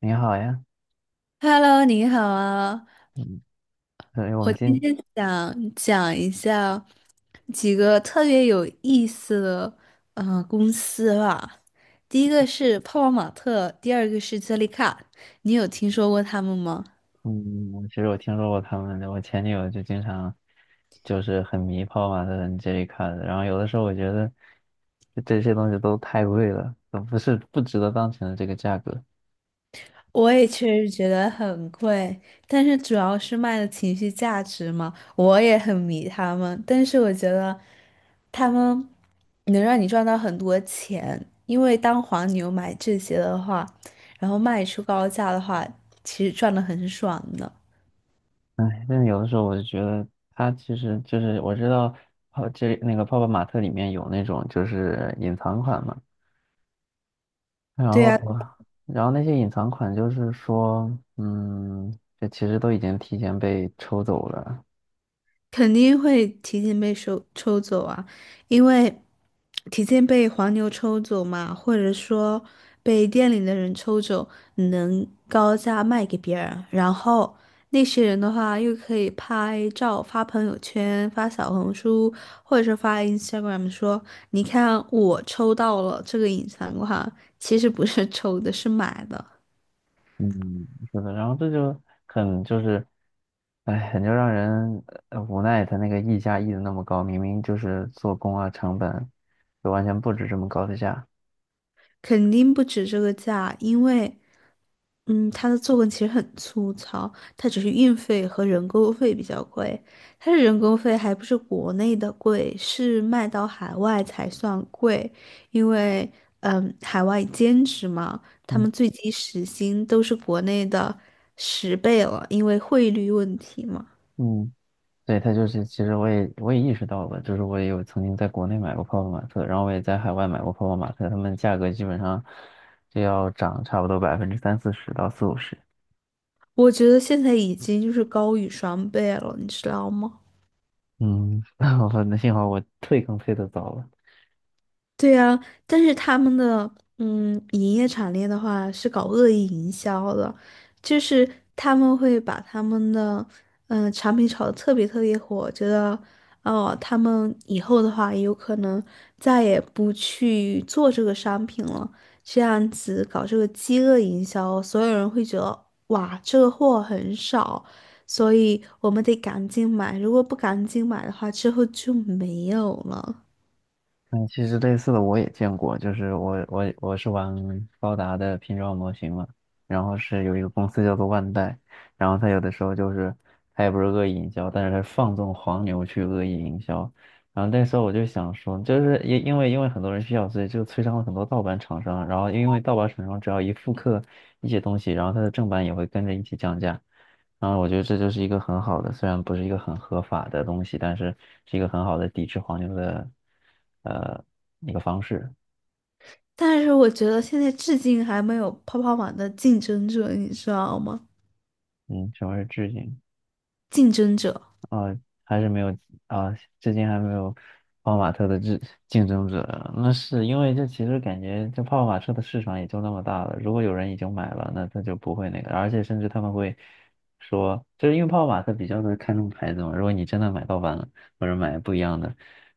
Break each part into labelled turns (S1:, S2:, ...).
S1: 你好呀。
S2: Hello，你好啊！
S1: 嗯，对，我
S2: 我
S1: 们
S2: 今
S1: 今，
S2: 天想讲一下几个特别有意思的公司吧。第一个是泡泡玛特，第二个是杰丽卡，你有听说过他们吗？
S1: 嗯，我其实听说过他们的，我前女友就经常就是很迷泡泡玛特很 J 卡的，然后有的时候我觉得就这些东西都太贵了，都不是不值得当前的这个价格。
S2: 我也确实觉得很贵，但是主要是卖的情绪价值嘛，我也很迷他们，但是我觉得他们能让你赚到很多钱，因为当黄牛买这些的话，然后卖出高价的话，其实赚的很爽的。
S1: 哎，但是有的时候我就觉得它其实就是我知道泡这那个泡泡玛特里面有那种就是隐藏款嘛，然
S2: 对
S1: 后
S2: 呀。
S1: 然后那些隐藏款就是说，嗯，这其实都已经提前被抽走了。
S2: 肯定会提前被抽走啊，因为提前被黄牛抽走嘛，或者说被店里的人抽走，能高价卖给别人，然后那些人的话又可以拍照发朋友圈、发小红书，或者是发 Instagram 说，你看我抽到了这个隐藏款，其实不是抽的，是买的，
S1: 嗯，是的，然后这就很就是，哎，很就让人无奈，他那个溢价溢的那么高，明明就是做工啊成本，就完全不止这么高的价。
S2: 肯定不止这个价，因为。它的作文其实很粗糙，它只是运费和人工费比较贵。它的人工费还不是国内的贵，是卖到海外才算贵，因为海外兼职嘛，他
S1: 嗯。
S2: 们最低时薪都是国内的10倍了，因为汇率问题嘛。
S1: 嗯，对，他就是，其实我也意识到了，就是我也有曾经在国内买过泡泡玛特，然后我也在海外买过泡泡玛特，他们价格基本上就要涨差不多百分之三四十到四五十。
S2: 我觉得现在已经就是高于双倍了，你知道吗？
S1: 嗯，我那幸好我退坑退的早了。
S2: 对呀，但是他们的营业产业的话是搞恶意营销的，就是他们会把他们的产品炒得特别特别火，觉得哦他们以后的话也有可能再也不去做这个商品了，这样子搞这个饥饿营销，所有人会觉得哇这个货很少，所以我们得赶紧买，如果不赶紧买的话，之后就没有了。
S1: 嗯，其实类似的我也见过，就是我是玩高达的拼装模型嘛，然后是有一个公司叫做万代，然后他有的时候就是他也不是恶意营销，但是他放纵黄牛去恶意营销，然后那时候我就想说，就是因为很多人需要，所以就催生了很多盗版厂商啊，然后因为盗版厂商只要一复刻一些东西，然后它的正版也会跟着一起降价，啊，我觉得这就是一个很好的，虽然不是一个很合法的东西，但是是一个很好的抵制黄牛的，呃，一个方式。
S2: 但是我觉得现在至今还没有泡泡玛的竞争者，你知道吗？
S1: 嗯，什么是致敬？
S2: 竞争者，
S1: 啊，还是没有。啊，至今还没有泡泡玛特的竞争者。那是因为这其实感觉这泡泡玛特的市场也就那么大了，如果有人已经买了，那他就不会那个，而且甚至他们会说，就是因为泡泡玛特比较的看重牌子嘛，如果你真的买盗版了，或者买不一样的，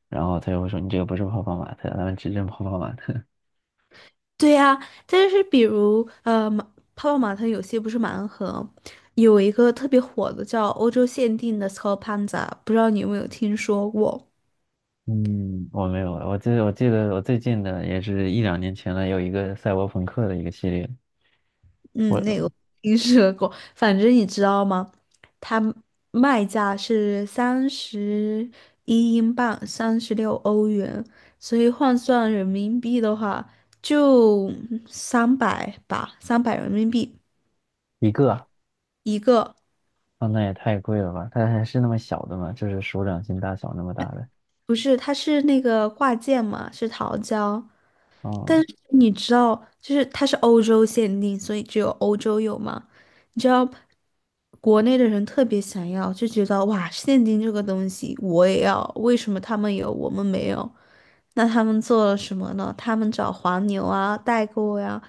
S1: 然后他就会说你这个不是泡泡玛特，他们只认泡泡玛特。
S2: 对呀、但是比如泡泡玛特有些不是盲盒，有一个特别火的叫欧洲限定的 s c o p a n z a 不知道你有没有听说过？
S1: 嗯，我没有，我记得我最近的也是一两年前了，有一个赛博朋克的一个系列，
S2: 嗯，那个
S1: 我
S2: 我听说过，反正你知道吗？它卖价是31英镑，36欧元，所以换算人民币的话，就三百吧，300人民币
S1: 一个。
S2: 一个。
S1: 啊，那也太贵了吧？它还是那么小的嘛，就是手掌心大小那么大的。
S2: 不是，它是那个挂件嘛，是桃胶，但
S1: 哦。
S2: 是你知道，就是它是欧洲限定，所以只有欧洲有嘛。你知道，国内的人特别想要，就觉得哇，现金这个东西我也要，为什么他们有我们没有？那他们做了什么呢？他们找黄牛啊、代购呀、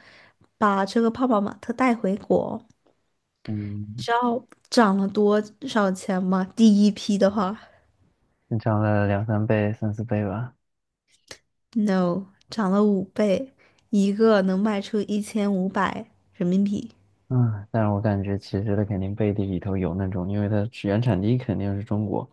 S2: 把这个泡泡玛特带回国。你
S1: 嗯，
S2: 知道涨了多少钱吗？第一批的话
S1: 正常了两三倍、三四倍吧。
S2: ，no，涨了五倍，一个能卖出1500人民币。
S1: 嗯，但是我感觉其实它肯定背地里头有那种，因为它是原产地肯定是中国，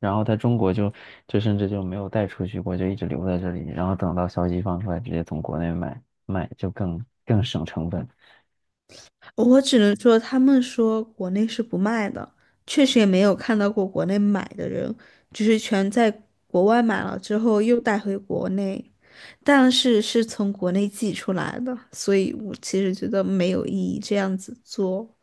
S1: 然后它中国就就甚至就没有带出去过，就一直留在这里，然后等到消息放出来，直接从国内买卖就更省成本。
S2: 我只能说，他们说国内是不卖的，确实也没有看到过国内买的人，只是全在国外买了之后又带回国内，但是是从国内寄出来的，所以我其实觉得没有意义这样子做，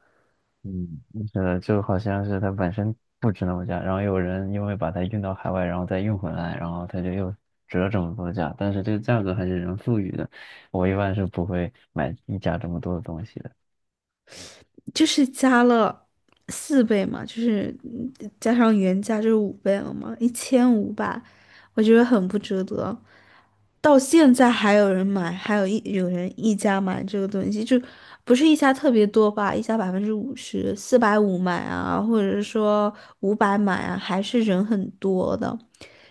S1: 嗯，是的，就好像是它本身不值那么价，然后有人因为把它运到海外，然后再运回来，然后它就又折这么多价，但是这个价格还是人赋予的。我一般是不会买溢价这么多的东西的，
S2: 就是加了4倍嘛，就是加上原价就是五倍了嘛，一千五百，我觉得很不值得。到现在还有人买，还有有人一家买这个东西，就不是一家特别多吧，一家50%，450买啊，或者是说五百买啊，还是人很多的。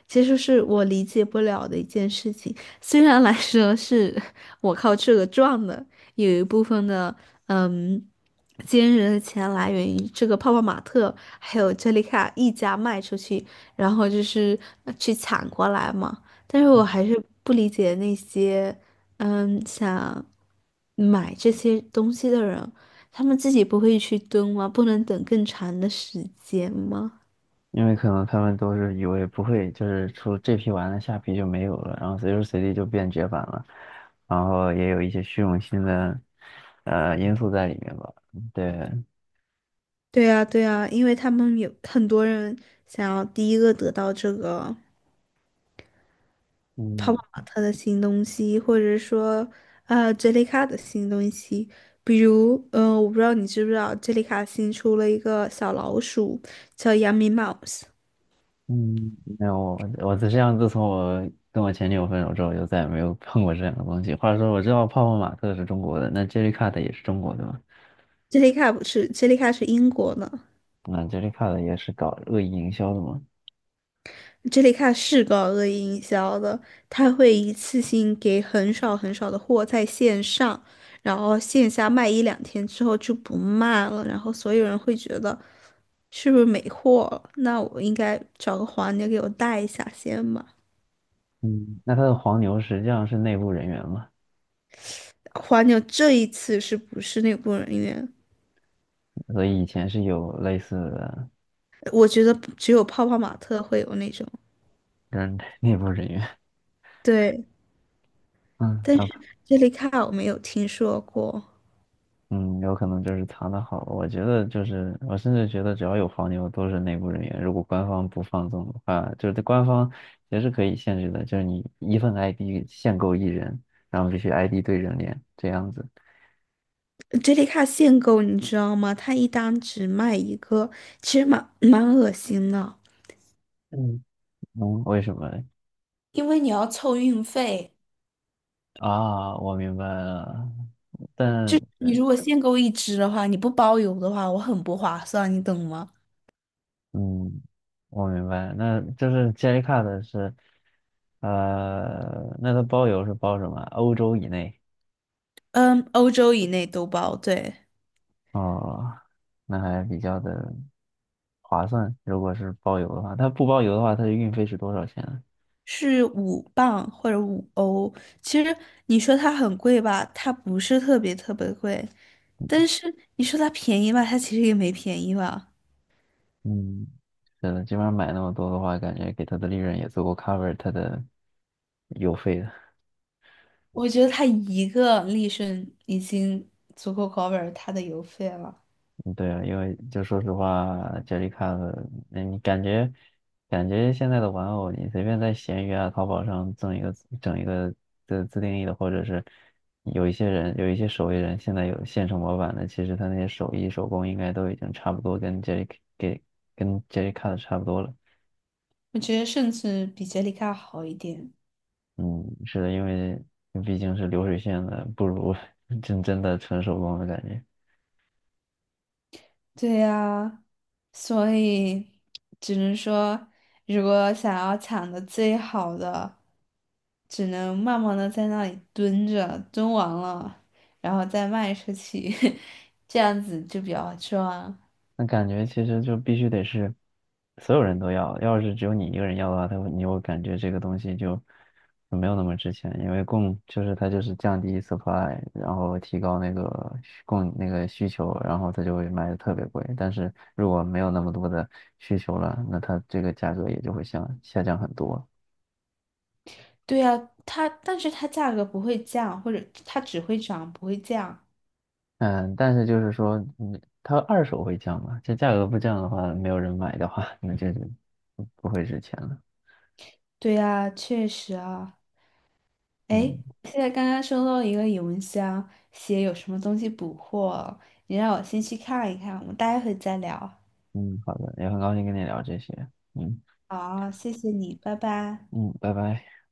S2: 其实是我理解不了的一件事情，虽然来说是我靠这个赚的，有一部分的嗯，今日的钱来源于这个泡泡玛特还有珍妮卡一家卖出去，然后就是去抢过来嘛。但是我还是不理解那些，想买这些东西的人，他们自己不会去蹲吗？不能等更长的时间吗？
S1: 因为可能他们都是以为不会，就是出这批完了，下批就没有了，然后随时随地就变绝版了，然后也有一些虚荣心的因素在里面吧。对。
S2: 对啊，对啊，因为他们有很多人想要第一个得到这个泡
S1: 嗯。
S2: 泡玛特的新东西，或者说，杰丽卡的新东西。比如，我不知道你知不知道，杰丽卡新出了一个小老鼠，叫 Yummy Mouse。
S1: 嗯，没有，我我只样自从我跟我前女友分手之后，就再也没有碰过这样的东西。话说，我知道泡泡玛特是中国的，那 Jellycat 也是中国的嘛？
S2: 杰丽卡不是，杰丽卡是英国的。
S1: 那 Jellycat 也是搞恶意营销的嘛？
S2: 这里看是搞恶意营销的，他会一次性给很少很少的货在线上，然后线下卖一两天之后就不卖了，然后所有人会觉得是不是没货了？那我应该找个黄牛给我带一下先吧。
S1: 嗯，那他的黄牛实际上是内部人员嘛？
S2: 黄牛这一次是不是内部人员？
S1: 所以以前是有类似的
S2: 我觉得只有泡泡玛特会有那种，
S1: 跟 内部人员。
S2: 对，
S1: 嗯，
S2: 但
S1: 那
S2: 是这里看我没有听说过。
S1: 嗯，有可能就是藏得好。我觉得就是，我甚至觉得只要有黄牛都是内部人员。如果官方不放纵的话，就是官方也是可以限制的，就是你一份 ID 限购一人，然后必须 ID 对人脸这样子。
S2: 杰里卡限购，你知道吗？它一单只卖一个，其实蛮恶心的。
S1: 嗯。嗯，为什么嘞？
S2: 因为你要凑运费，
S1: 啊，我明白了。
S2: 就
S1: 但
S2: 是你如果限购一只的话，你不包邮的话，我很不划算，你懂吗？
S1: 嗯，我明白，那就是杰 c 卡的是，那它包邮是包什么？欧洲以内。
S2: 嗯，欧洲以内都包，对，
S1: 哦，那还比较的划算。如果是包邮的话，它不包邮的话，它的运费是多少钱呢？
S2: 是5磅或者5欧。其实你说它很贵吧，它不是特别特别贵，但是你说它便宜吧，它其实也没便宜吧。
S1: 嗯，是的，基本上买那么多的话，感觉给它的利润也足够 cover 它的邮费的。
S2: 我觉得它一个利瞬已经足够 cover 它的邮费了。
S1: 嗯，对啊，因为就说实话，Jellycat,那你感觉感觉现在的玩偶，你随便在闲鱼啊、淘宝上赠一个整一个自定义的，或者是有一些人有一些手艺人现在有现成模板的，其实他那些手艺手工应该都已经差不多跟 Jelly 给跟 Jellycat 差不多了。
S2: 我觉得甚至比杰里卡好一点。
S1: 嗯，是的，因为毕竟是流水线的，不如 真的纯手工的感觉。
S2: 对呀，所以只能说，如果想要抢的最好的，只能慢慢的在那里蹲着，蹲完了，然后再卖出去，这样子就比较赚。
S1: 那感觉其实就必须得是所有人都要，要是只有你一个人要的话，他会你会感觉这个东西就没有那么值钱，因为供就是它就是降低 supply,然后提高那个需供那个需求，然后它就会卖的特别贵。但是如果没有那么多的需求了，那它这个价格也就会下降很多。
S2: 对呀，它，但是它价格不会降，或者它只会涨不会降。
S1: 嗯，但是就是说，嗯，它二手会降嘛？这价格不降的话，没有人买的话，那就是不会值钱了。
S2: 对呀，确实啊。诶，
S1: 嗯。
S2: 现在刚刚收到一个邮箱，写有什么东西补货，你让我先去看一看，我们待会再聊。
S1: 嗯，好的，也很高兴跟你聊这些。嗯。
S2: 好，谢谢你，拜拜。
S1: 嗯，拜拜。